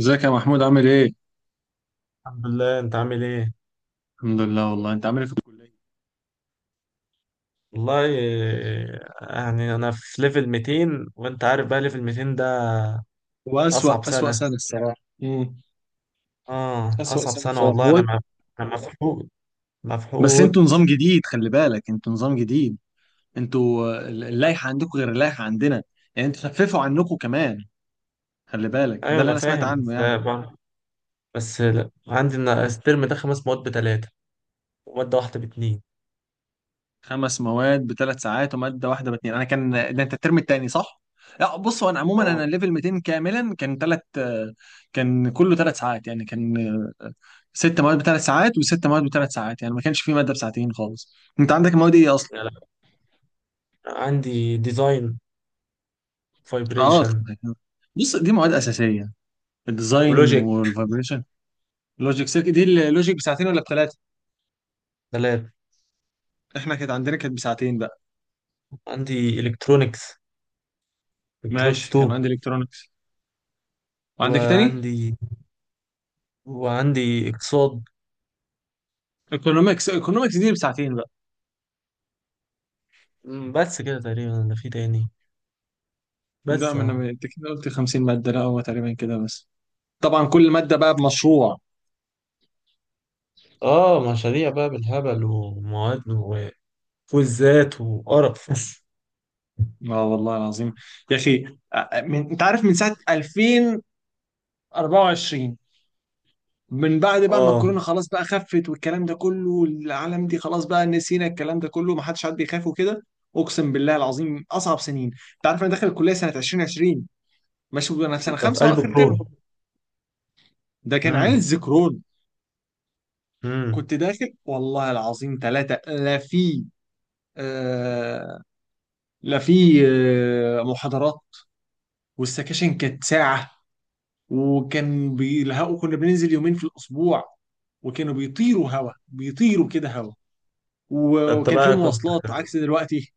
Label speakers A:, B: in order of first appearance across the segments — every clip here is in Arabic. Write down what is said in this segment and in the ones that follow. A: ازيك يا محمود عامل ايه؟
B: الحمد لله، انت عامل ايه؟
A: الحمد لله والله انت عامل ايه في الكلية؟
B: والله، يعني انا في ليفل 200، وانت عارف بقى ليفل 200 ده
A: هو
B: اصعب
A: أسوأ
B: سنة.
A: سنة الصراحة. امم
B: اه،
A: أسوأ
B: اصعب
A: سنة
B: سنة
A: بصراحة
B: والله.
A: هو.
B: انا مفحوط
A: بس
B: مفحوط.
A: انتوا نظام جديد، خلي بالك انتوا نظام جديد. انتوا اللائحة عندكم غير اللائحة عندنا. يعني انتوا خففوا عنكم كمان، خلي بالك ده
B: ايوه،
A: اللي
B: انا
A: انا سمعت
B: فاهم.
A: عنه
B: بس
A: يعني.
B: بس لا، عندي انا الترم ده خمس مواد بتلاتة ومادة واحدة باتنين.
A: خمس مواد بثلاث ساعات ومادة واحدة باتنين، انا كان ده انت الترم التاني صح؟ لا بص، هو انا عموما انا
B: اه.
A: ليفل 200 كاملا كان ثلاث، كان كله ثلاث ساعات يعني، كان ست مواد بثلاث ساعات وست مواد بثلاث ساعات يعني ما كانش في ماده بساعتين خالص. انت عندك المواد ايه اصلا؟
B: لا لا، عندي ديزاين،
A: اه
B: فايبريشن،
A: طبعاً. بص دي مواد اساسيه، الديزاين
B: ولوجيك.
A: والفايبريشن. لوجيك سيركت، دي اللوجيك بساعتين ولا بثلاثه؟
B: تلات.
A: احنا كانت عندنا كانت بساعتين بقى.
B: عندي الكترونكس، الكترونكس
A: ماشي، كان
B: 2.
A: عندي الكترونكس. وعندك إيه تاني؟
B: وعندي وعندي اقتصاد.
A: ايكونومكس، ايكونومكس دي بساعتين بقى.
B: بس كده تقريبا انا في تاني.
A: لا
B: بس
A: ما
B: اه.
A: انا انت كده قلت 50 ماده، لا هو تقريبا كده بس. طبعا كل ماده بقى بمشروع.
B: اه، مشاريع بقى بالهبل ومواد وكويزات وقرف
A: اه والله العظيم يا اخي. انت عارف من ساعه 2024، 2024، من بعد بقى ما الكورونا
B: اه،
A: خلاص بقى خفت والكلام ده كله، والعالم دي خلاص بقى نسينا الكلام ده كله، ما حدش عاد بيخاف وكده. اقسم بالله العظيم اصعب سنين. انت عارف انا داخل الكليه سنه 2020. ماشي انا في سنه
B: انت في
A: خمسه
B: قلب وشغل
A: واخر ترم،
B: البروف.
A: ده كان
B: امم.
A: عز كورونا.
B: امم.
A: كنت داخل والله العظيم ثلاثه، لا في آه لا في محاضرات، والسكاشن كانت ساعه، وكان بيلحقوا، كنا بننزل يومين في الاسبوع، وكانوا بيطيروا هوا، بيطيروا كده هوا،
B: انت
A: وكان في
B: بقى كنت.
A: مواصلات عكس دلوقتي.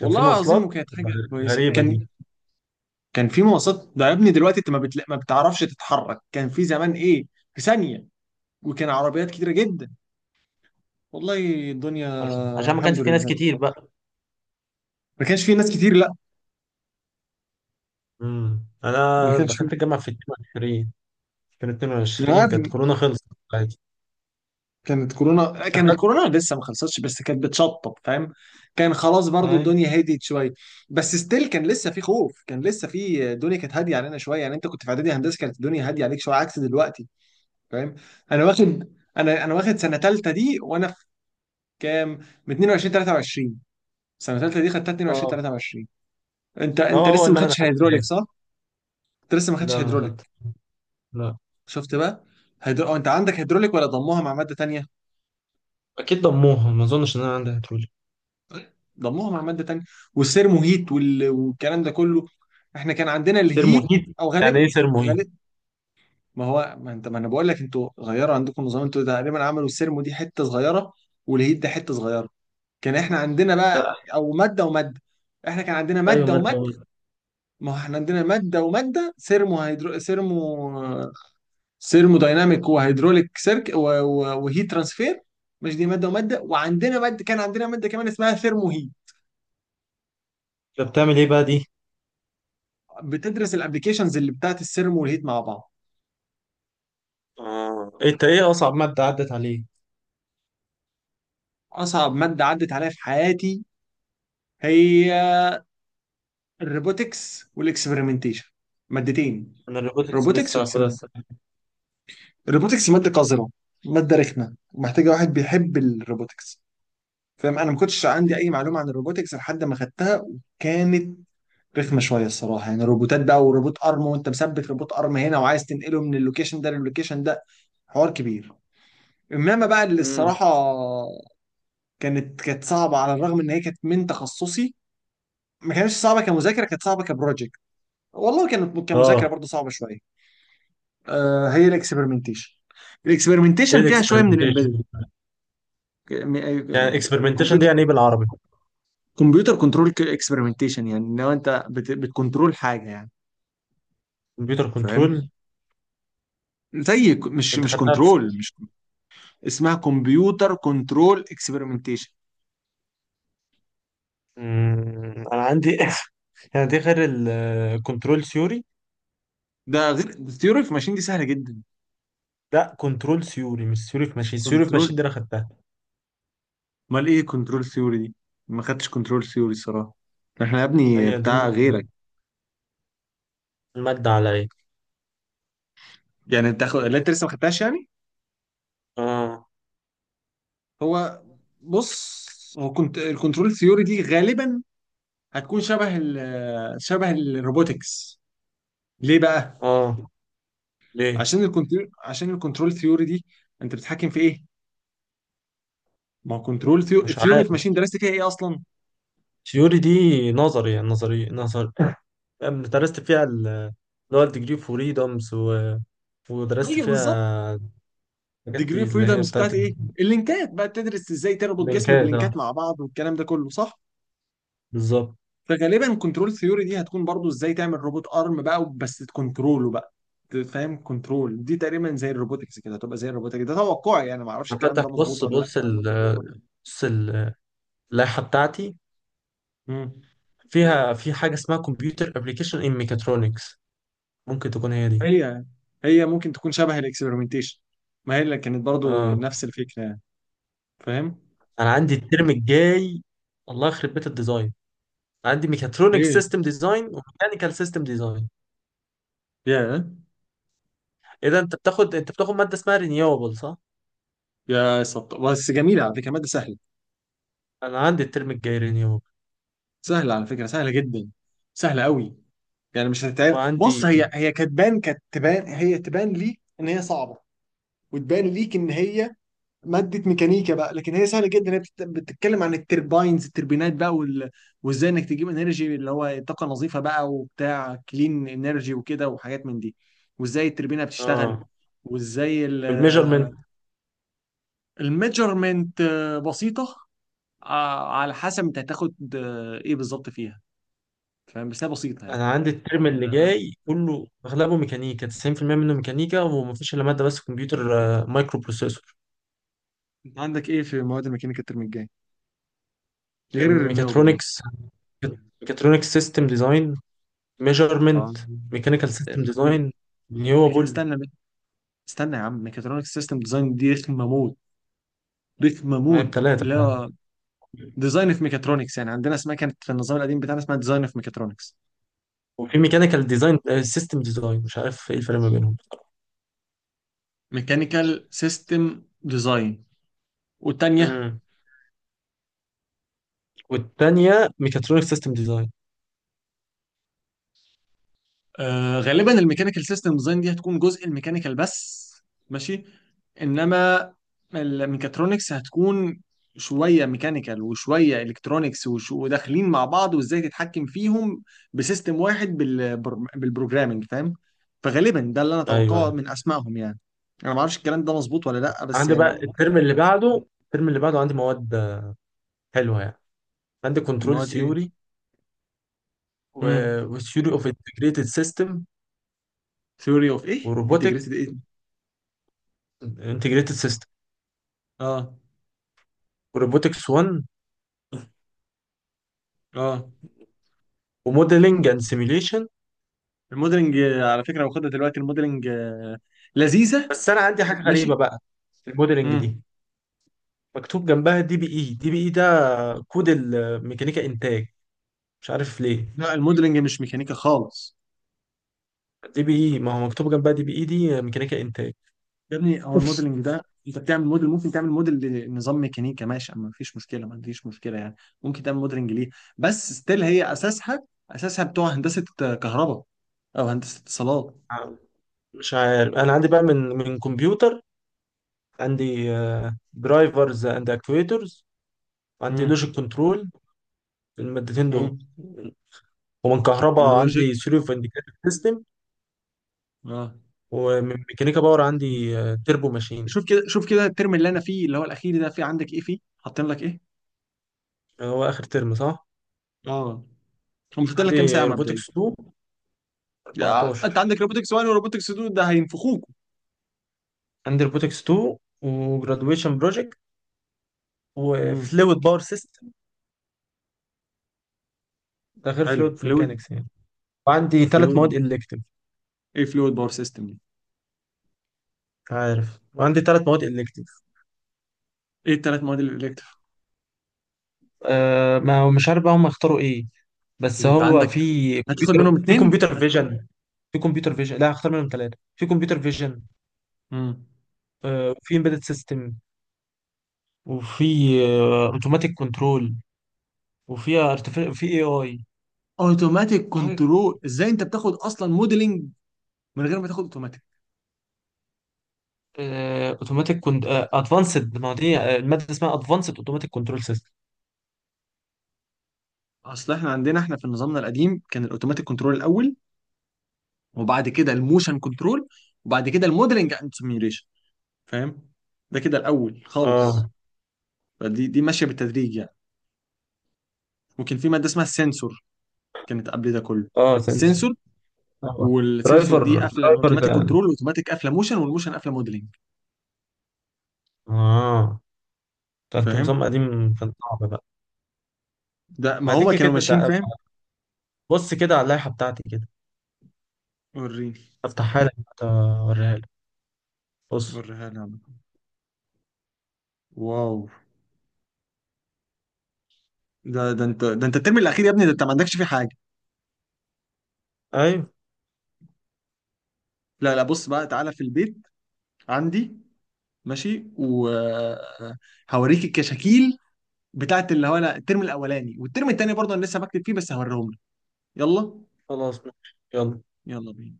B: كان في
A: العظيم
B: مواصلات.
A: وكانت حاجه كويسه
B: غريبة
A: كان،
B: دي.
A: كان في مواصلات ده يا ابني. دلوقتي انت ما بتعرفش تتحرك. كان في زمان ايه، في ثانيه، وكان عربيات كتيره جدا، والله الدنيا.
B: عشان ما كانش
A: الحمد
B: في ناس
A: لله
B: كتير بقى.
A: ما كانش في ناس كتير لا،
B: انا
A: ما كانش
B: دخلت
A: في.
B: الجامعة في 22. كان
A: انا
B: 22،
A: عارف
B: كانت
A: إن
B: كورونا خلصت. عادي.
A: كانت كورونا، كانت
B: دخلت.
A: كورونا لسه ما خلصتش بس كانت بتشطب فاهم، كان خلاص برضو
B: اي.
A: الدنيا هديت شويه. بس ستيل كان لسه في خوف، كان لسه في، الدنيا كانت هاديه علينا شويه. يعني انت كنت في اعدادي هندسه كانت الدنيا هاديه عليك شويه عكس دلوقتي فاهم. انا واخد، انا واخد سنه ثالثه دي وانا في كام، من 22 23، سنه ثالثه دي خدتها 22
B: اه.
A: 23. انت
B: لا،
A: انت لسه
B: اول
A: ما
B: ما انا
A: خدتش
B: دخلت
A: هيدروليك
B: كلية.
A: صح؟ انت لسه ما خدتش
B: لا، ما
A: هيدروليك،
B: دخلت. لا.
A: شفت بقى. أو انت عندك هيدروليك ولا ضموها مع ماده تانية؟
B: اكيد ضموها، ما اظنش ان انا عندي، هتقول.
A: ضموها مع ماده تانية، والسيرمو هيت والكلام ده كله. احنا كان عندنا
B: سير
A: الهيت،
B: مهيد.
A: او غالبا،
B: يعني ايه سير مهيد؟
A: غالبا. ما هو ما انا بقول لك انتوا غيروا عندكم نظام، انتوا تقريبا عملوا السيرمو دي حته صغيره والهيت ده حته صغيره. كان احنا عندنا بقى او ماده وماده، احنا كان عندنا
B: ايوه،
A: ماده وماده.
B: ماده.
A: ما هو احنا عندنا ماده وماده، سيرمو هيدرو سيرمو، سيرمو دايناميك وهيدروليك سيرك وهيت ترانسفير. مش دي ماده وماده، وعندنا ماده، كان عندنا ماده كمان اسمها ثيرمو هيت،
B: طب بتعمل ايه بقى دي؟
A: بتدرس الابلكيشنز اللي بتاعت السيرمو والهيت مع بعض.
B: آه. انت ايه اصعب مادة عدت عليه؟
A: اصعب ماده عدت عليا في حياتي هي الروبوتكس والاكسبيرمنتيشن، مادتين،
B: انا الروبوتكس
A: روبوتكس
B: لسه هاخدها
A: واكسبيرمنت.
B: السنة.
A: الروبوتكس ماده قذره، ماده رخمه، محتاجه واحد بيحب الروبوتكس فاهم. انا ما كنتش عندي اي معلومه عن الروبوتكس لحد ما خدتها، وكانت رخمه شويه الصراحه يعني، روبوتات بقى وروبوت ارم وانت مثبت روبوت ارم هنا وعايز تنقله من اللوكيشن ده للوكيشن ده، حوار كبير. انما بقى اللي
B: امم.
A: الصراحه كانت صعبه على الرغم ان هي كانت من تخصصي، ما كانتش صعبه كمذاكره، كانت صعبه كبروجكت، والله كانت كمذاكره
B: اه.
A: برضه صعبه شويه. آه هي الاكسبيرمنتيشن،
B: ايه
A: الاكسبيرمنتيشن فيها شويه من
B: الاكسبeriمنتيشن؟ يعني الاكسبeriمنتيشن دي
A: الامبيدد.
B: يعني ايه بالعربي؟
A: كمبيوتر كنترول اكسبيرمنتيشن، يعني لو انت بتكنترول حاجه يعني
B: كمبيوتر
A: فاهم.
B: كنترول.
A: زي ك- مش
B: انت
A: مش
B: خدتها في سنة.
A: كنترول مش، اسمها كمبيوتر كنترول اكسبيرمنتيشن.
B: انا عندي يعني دي غير الكنترول ثيوري.
A: ده غير الثيوري اوف ماشين دي سهله جدا.
B: لا، كنترول ثيوري مش ثيوري في ماشين. ثيوري في
A: كنترول،
B: ماشين دي انا خدتها.
A: امال ايه كنترول ثيوري دي؟ ما خدتش كنترول ثيوري صراحه، احنا يا ابني
B: هي دي
A: بتاع
B: المادة،
A: غيرك.
B: المادة عليا.
A: يعني لا انت لسه ما خدتهاش يعني.
B: اه.
A: هو، بص، هو كنت الكنترول ثيوري دي غالبا هتكون شبه شبه الروبوتكس. ليه بقى؟
B: اه. ليه؟
A: عشان الكنترول، عشان الكنترول ثيوري دي انت بتتحكم في ايه؟ ما هو كنترول
B: مش
A: ثيوري
B: عارف.
A: في ماشين درست فيها ايه اصلا؟
B: ثيوري دي نظري، يعني نظري نظري. درست فيها اللي هو الديجري فريدومز، و... ودرست
A: ايوه بالظبط.
B: فيها الحاجات
A: ديجري
B: دي
A: اوف
B: اللي هي
A: فريدمز
B: بتاعت
A: بتاعت ايه؟ اللينكات بقى، بتدرس ازاي تربط جسم
B: اللينكات. اه،
A: بلينكات مع بعض والكلام ده كله صح؟
B: بالظبط.
A: فغالبا كنترول ثيوري دي هتكون برضو ازاي تعمل روبوت ارم بقى بس تكنتروله بقى فاهم. كنترول دي تقريبا زي الروبوتكس كده، هتبقى زي الروبوتكس، ده توقعي يعني، ما اعرفش الكلام
B: هفتح.
A: ده مظبوط
B: بص
A: ولا لا.
B: بص بص ال- اللائحة بتاعتي.
A: مم.
B: فيها في حاجة اسمها كمبيوتر ابلكيشن ان ميكاترونكس، ممكن تكون هي دي.
A: هي، هي ممكن تكون شبه الاكسبيرمنتيشن، ما هي اللي كانت برضو
B: اه،
A: نفس الفكره يعني فاهم؟
B: انا عندي الترم الجاي، الله يخرب بيت الديزاين. عندي ميكاترونيك
A: ايه
B: سيستم ديزاين وميكانيكال سيستم ديزاين.
A: يا
B: اذا انت بتاخد مادة اسمها رينيوبل، صح؟
A: بس جميله على فكره، ماده سهله.
B: انا عندي الترم الجاي رينيوبل.
A: سهله على فكره، سهله جدا، سهله قوي، يعني مش هتتعب. بص
B: وعندي
A: هي، هي كتبان كتبان، هي تبان ليك ان هي صعبه وتبان ليك ان هي ماده ميكانيكا بقى لكن هي سهله جدا. هي بتتكلم عن الترباينز، التربينات بقى وازاي انك تجيب انرجي اللي هو طاقه نظيفه بقى وبتاع كلين انرجي وكده وحاجات من دي، وازاي التربينه
B: اه
A: بتشتغل، وازاي
B: والميجرمنت.
A: الميجرمنت. بسيطة. على حسب انت هتاخد ايه بالظبط فيها فاهم، بس هي بسيطه يعني.
B: انا عندي الترم
A: يعني
B: اللي جاي كله اغلبه ميكانيكا، 90% منه ميكانيكا، ومفيش الا ماده بس كمبيوتر، مايكرو بروسيسور.
A: انت عندك ايه في مواد الميكانيكا الترم الجاي غير الرينيوبل يعني؟
B: ميكاترونكس، ميكاترونكس سيستم ديزاين،
A: اه.
B: ميجرمنت، ميكانيكال سيستم
A: ميك...
B: ديزاين، رينيوبل.
A: استنى استنى يا عم، ميكاترونكس سيستم ديزاين دي رخمه موت، رخمه
B: ما هي
A: موت.
B: بتلاتة.
A: لا، ديزاين في ميكاترونكس، يعني عندنا اسمها كانت في النظام القديم بتاعنا اسمها ديزاين في ميكاترونكس.
B: وفي ميكانيكال ديزاين سيستم ديزاين، مش عارف ايه الفرق ما بينهم.
A: ميكانيكال سيستم ديزاين، والتانية،
B: امم والتانية ميكاترونيك سيستم ديزاين.
A: آه غالبا الميكانيكال سيستم ديزاين دي هتكون جزء الميكانيكال بس، ماشي. انما الميكاترونكس هتكون شويه ميكانيكال وشويه الكترونكس وداخلين مع بعض وازاي تتحكم فيهم بسيستم واحد بالبروجرامنج فاهم. فغالبا ده اللي انا
B: ايوه،
A: اتوقعه
B: ايوه.
A: من اسمائهم يعني. انا ما اعرفش الكلام ده مظبوط ولا لا بس
B: عندي
A: يعني.
B: بقى الترم اللي بعده، الترم اللي بعده عندي مواد حلوه يعني. عندي كنترول
A: المواد ايه؟
B: ثيوري
A: امم.
B: وثيوري اوف انتجريتد سيستم
A: ثيوري اوف ايه، انتجريتد
B: وروبوتكس،
A: ايه؟
B: انتجريتد سيستم
A: اه.
B: وروبوتكس 1
A: اه
B: وموديلنج اند سيميليشن.
A: الموديلنج، على فكره واخدها دلوقتي الموديلنج، لذيذه.
B: بس انا عندي حاجه
A: ماشي.
B: غريبه بقى في الموديلنج دي،
A: امم.
B: مكتوب جنبها دي بي اي. دي بي اي ده كود الميكانيكا انتاج، مش عارف ليه.
A: لا الموديلنج مش ميكانيكا خالص.
B: دي بي اي، ما هو مكتوب جنبها دي بي اي دي ميكانيكا انتاج.
A: يا ابني هو الموديلنج ده، انت بتعمل موديل، ممكن تعمل موديل لنظام ميكانيكا، ماشي، اما مفيش مشكله، ما فيش مشكله يعني، ممكن تعمل موديلنج ليه. بس ستيل هي اساسها، اساسها بتوع هندسه كهرباء او هندسه اتصالات.
B: مش عارف. انا عندي بقى من كمبيوتر، عندي درايفرز اند اكتويترز، وعندي
A: امم.
B: لوجيك كنترول. المادتين دول.
A: امم.
B: ومن كهرباء
A: لوجيك
B: عندي ثيوري اوف انديكيتور.
A: اه.
B: ومن ميكانيكا باور عندي تربو ماشين.
A: شوف كده، شوف كده الترم اللي انا فيه اللي هو الاخير ده، في عندك ايه فيه، حاطين لك ايه؟
B: هو آخر ترم صح؟
A: اه. هم حاطين لك كام ساعه
B: عندي
A: مبدئيا؟
B: روبوتكس 2.
A: يا انت
B: 14.
A: عندك روبوتكس 1 وروبوتكس 2، ده هينفخوك.
B: عندي روبوتكس 2 وجرادويشن بروجكت
A: امم.
B: وفلويد باور سيستم. ده غير
A: حلو
B: فلويد
A: فلويد،
B: ميكانكس يعني. وعندي ثلاث مواد
A: فلويد.
B: إلكتيف.
A: ايه فلويد باور سيستم دي؟
B: عارف، وعندي ثلاث مواد إلكتيف.
A: ايه الثلاث مواد الالكتف
B: أه، ما هو مش عارف بقى هم اختاروا ايه. بس
A: اللي انت
B: هو
A: عندك، هتاخد منهم
B: في
A: اتنين؟
B: كمبيوتر فيجن. في كمبيوتر فيجن، لا، هختار منهم ثلاثة. في كمبيوتر فيجن،
A: امم.
B: أه، وفي امبيدد سيستم، وفي اوتوماتيك كنترول، وفيها ارتفيع في اي اي.
A: اوتوماتيك
B: في حاجه
A: كنترول، ازاي انت بتاخد اصلا موديلنج من غير ما تاخد اوتوماتيك؟
B: اوتوماتيك كنت ادفانسد، ما دي الماده اسمها ادفانسد اوتوماتيك كنترول سيستم.
A: اصل احنا عندنا، احنا في نظامنا القديم كان الاوتوماتيك كنترول الاول، وبعد كده الموشن كنترول، وبعد كده الموديلنج اند سيميوليشن فاهم. ده كده الاول خالص.
B: اه.
A: فدي، دي ماشيه بالتدريج يعني. ممكن في ماده اسمها السنسور كانت قبل ده كله.
B: اه. سنسور.
A: السنسور،
B: آه.
A: والسنسور
B: درايفر
A: دي قافله
B: درايفر
A: اوتوماتيك
B: ده.
A: كنترول، واوتوماتيك قافله موشن، والموشن قافله موديلنج
B: اه، ده انت نظام
A: فاهم.
B: قديم كان صعب بقى.
A: ده ما
B: ما
A: هو
B: تيجي
A: كانوا
B: كده
A: ماشيين فاهم.
B: بص كده على اللائحة بتاعتي كده.
A: وريني،
B: افتحها لك، أنت أوريها لك. بص.
A: وريها لي عم. واو، ده انت الترم الاخير يا ابني، ده انت ما عندكش فيه حاجه.
B: ايوه،
A: لا لا، بص بقى تعالى في البيت عندي، ماشي وهوريك الكشاكيل بتاعت اللي هو، لا الترم الاولاني والترم التاني برضه انا لسه بكتب فيه، بس هوريهم لك. يلا.
B: خلاص ماشي. يلا.
A: يلا بينا.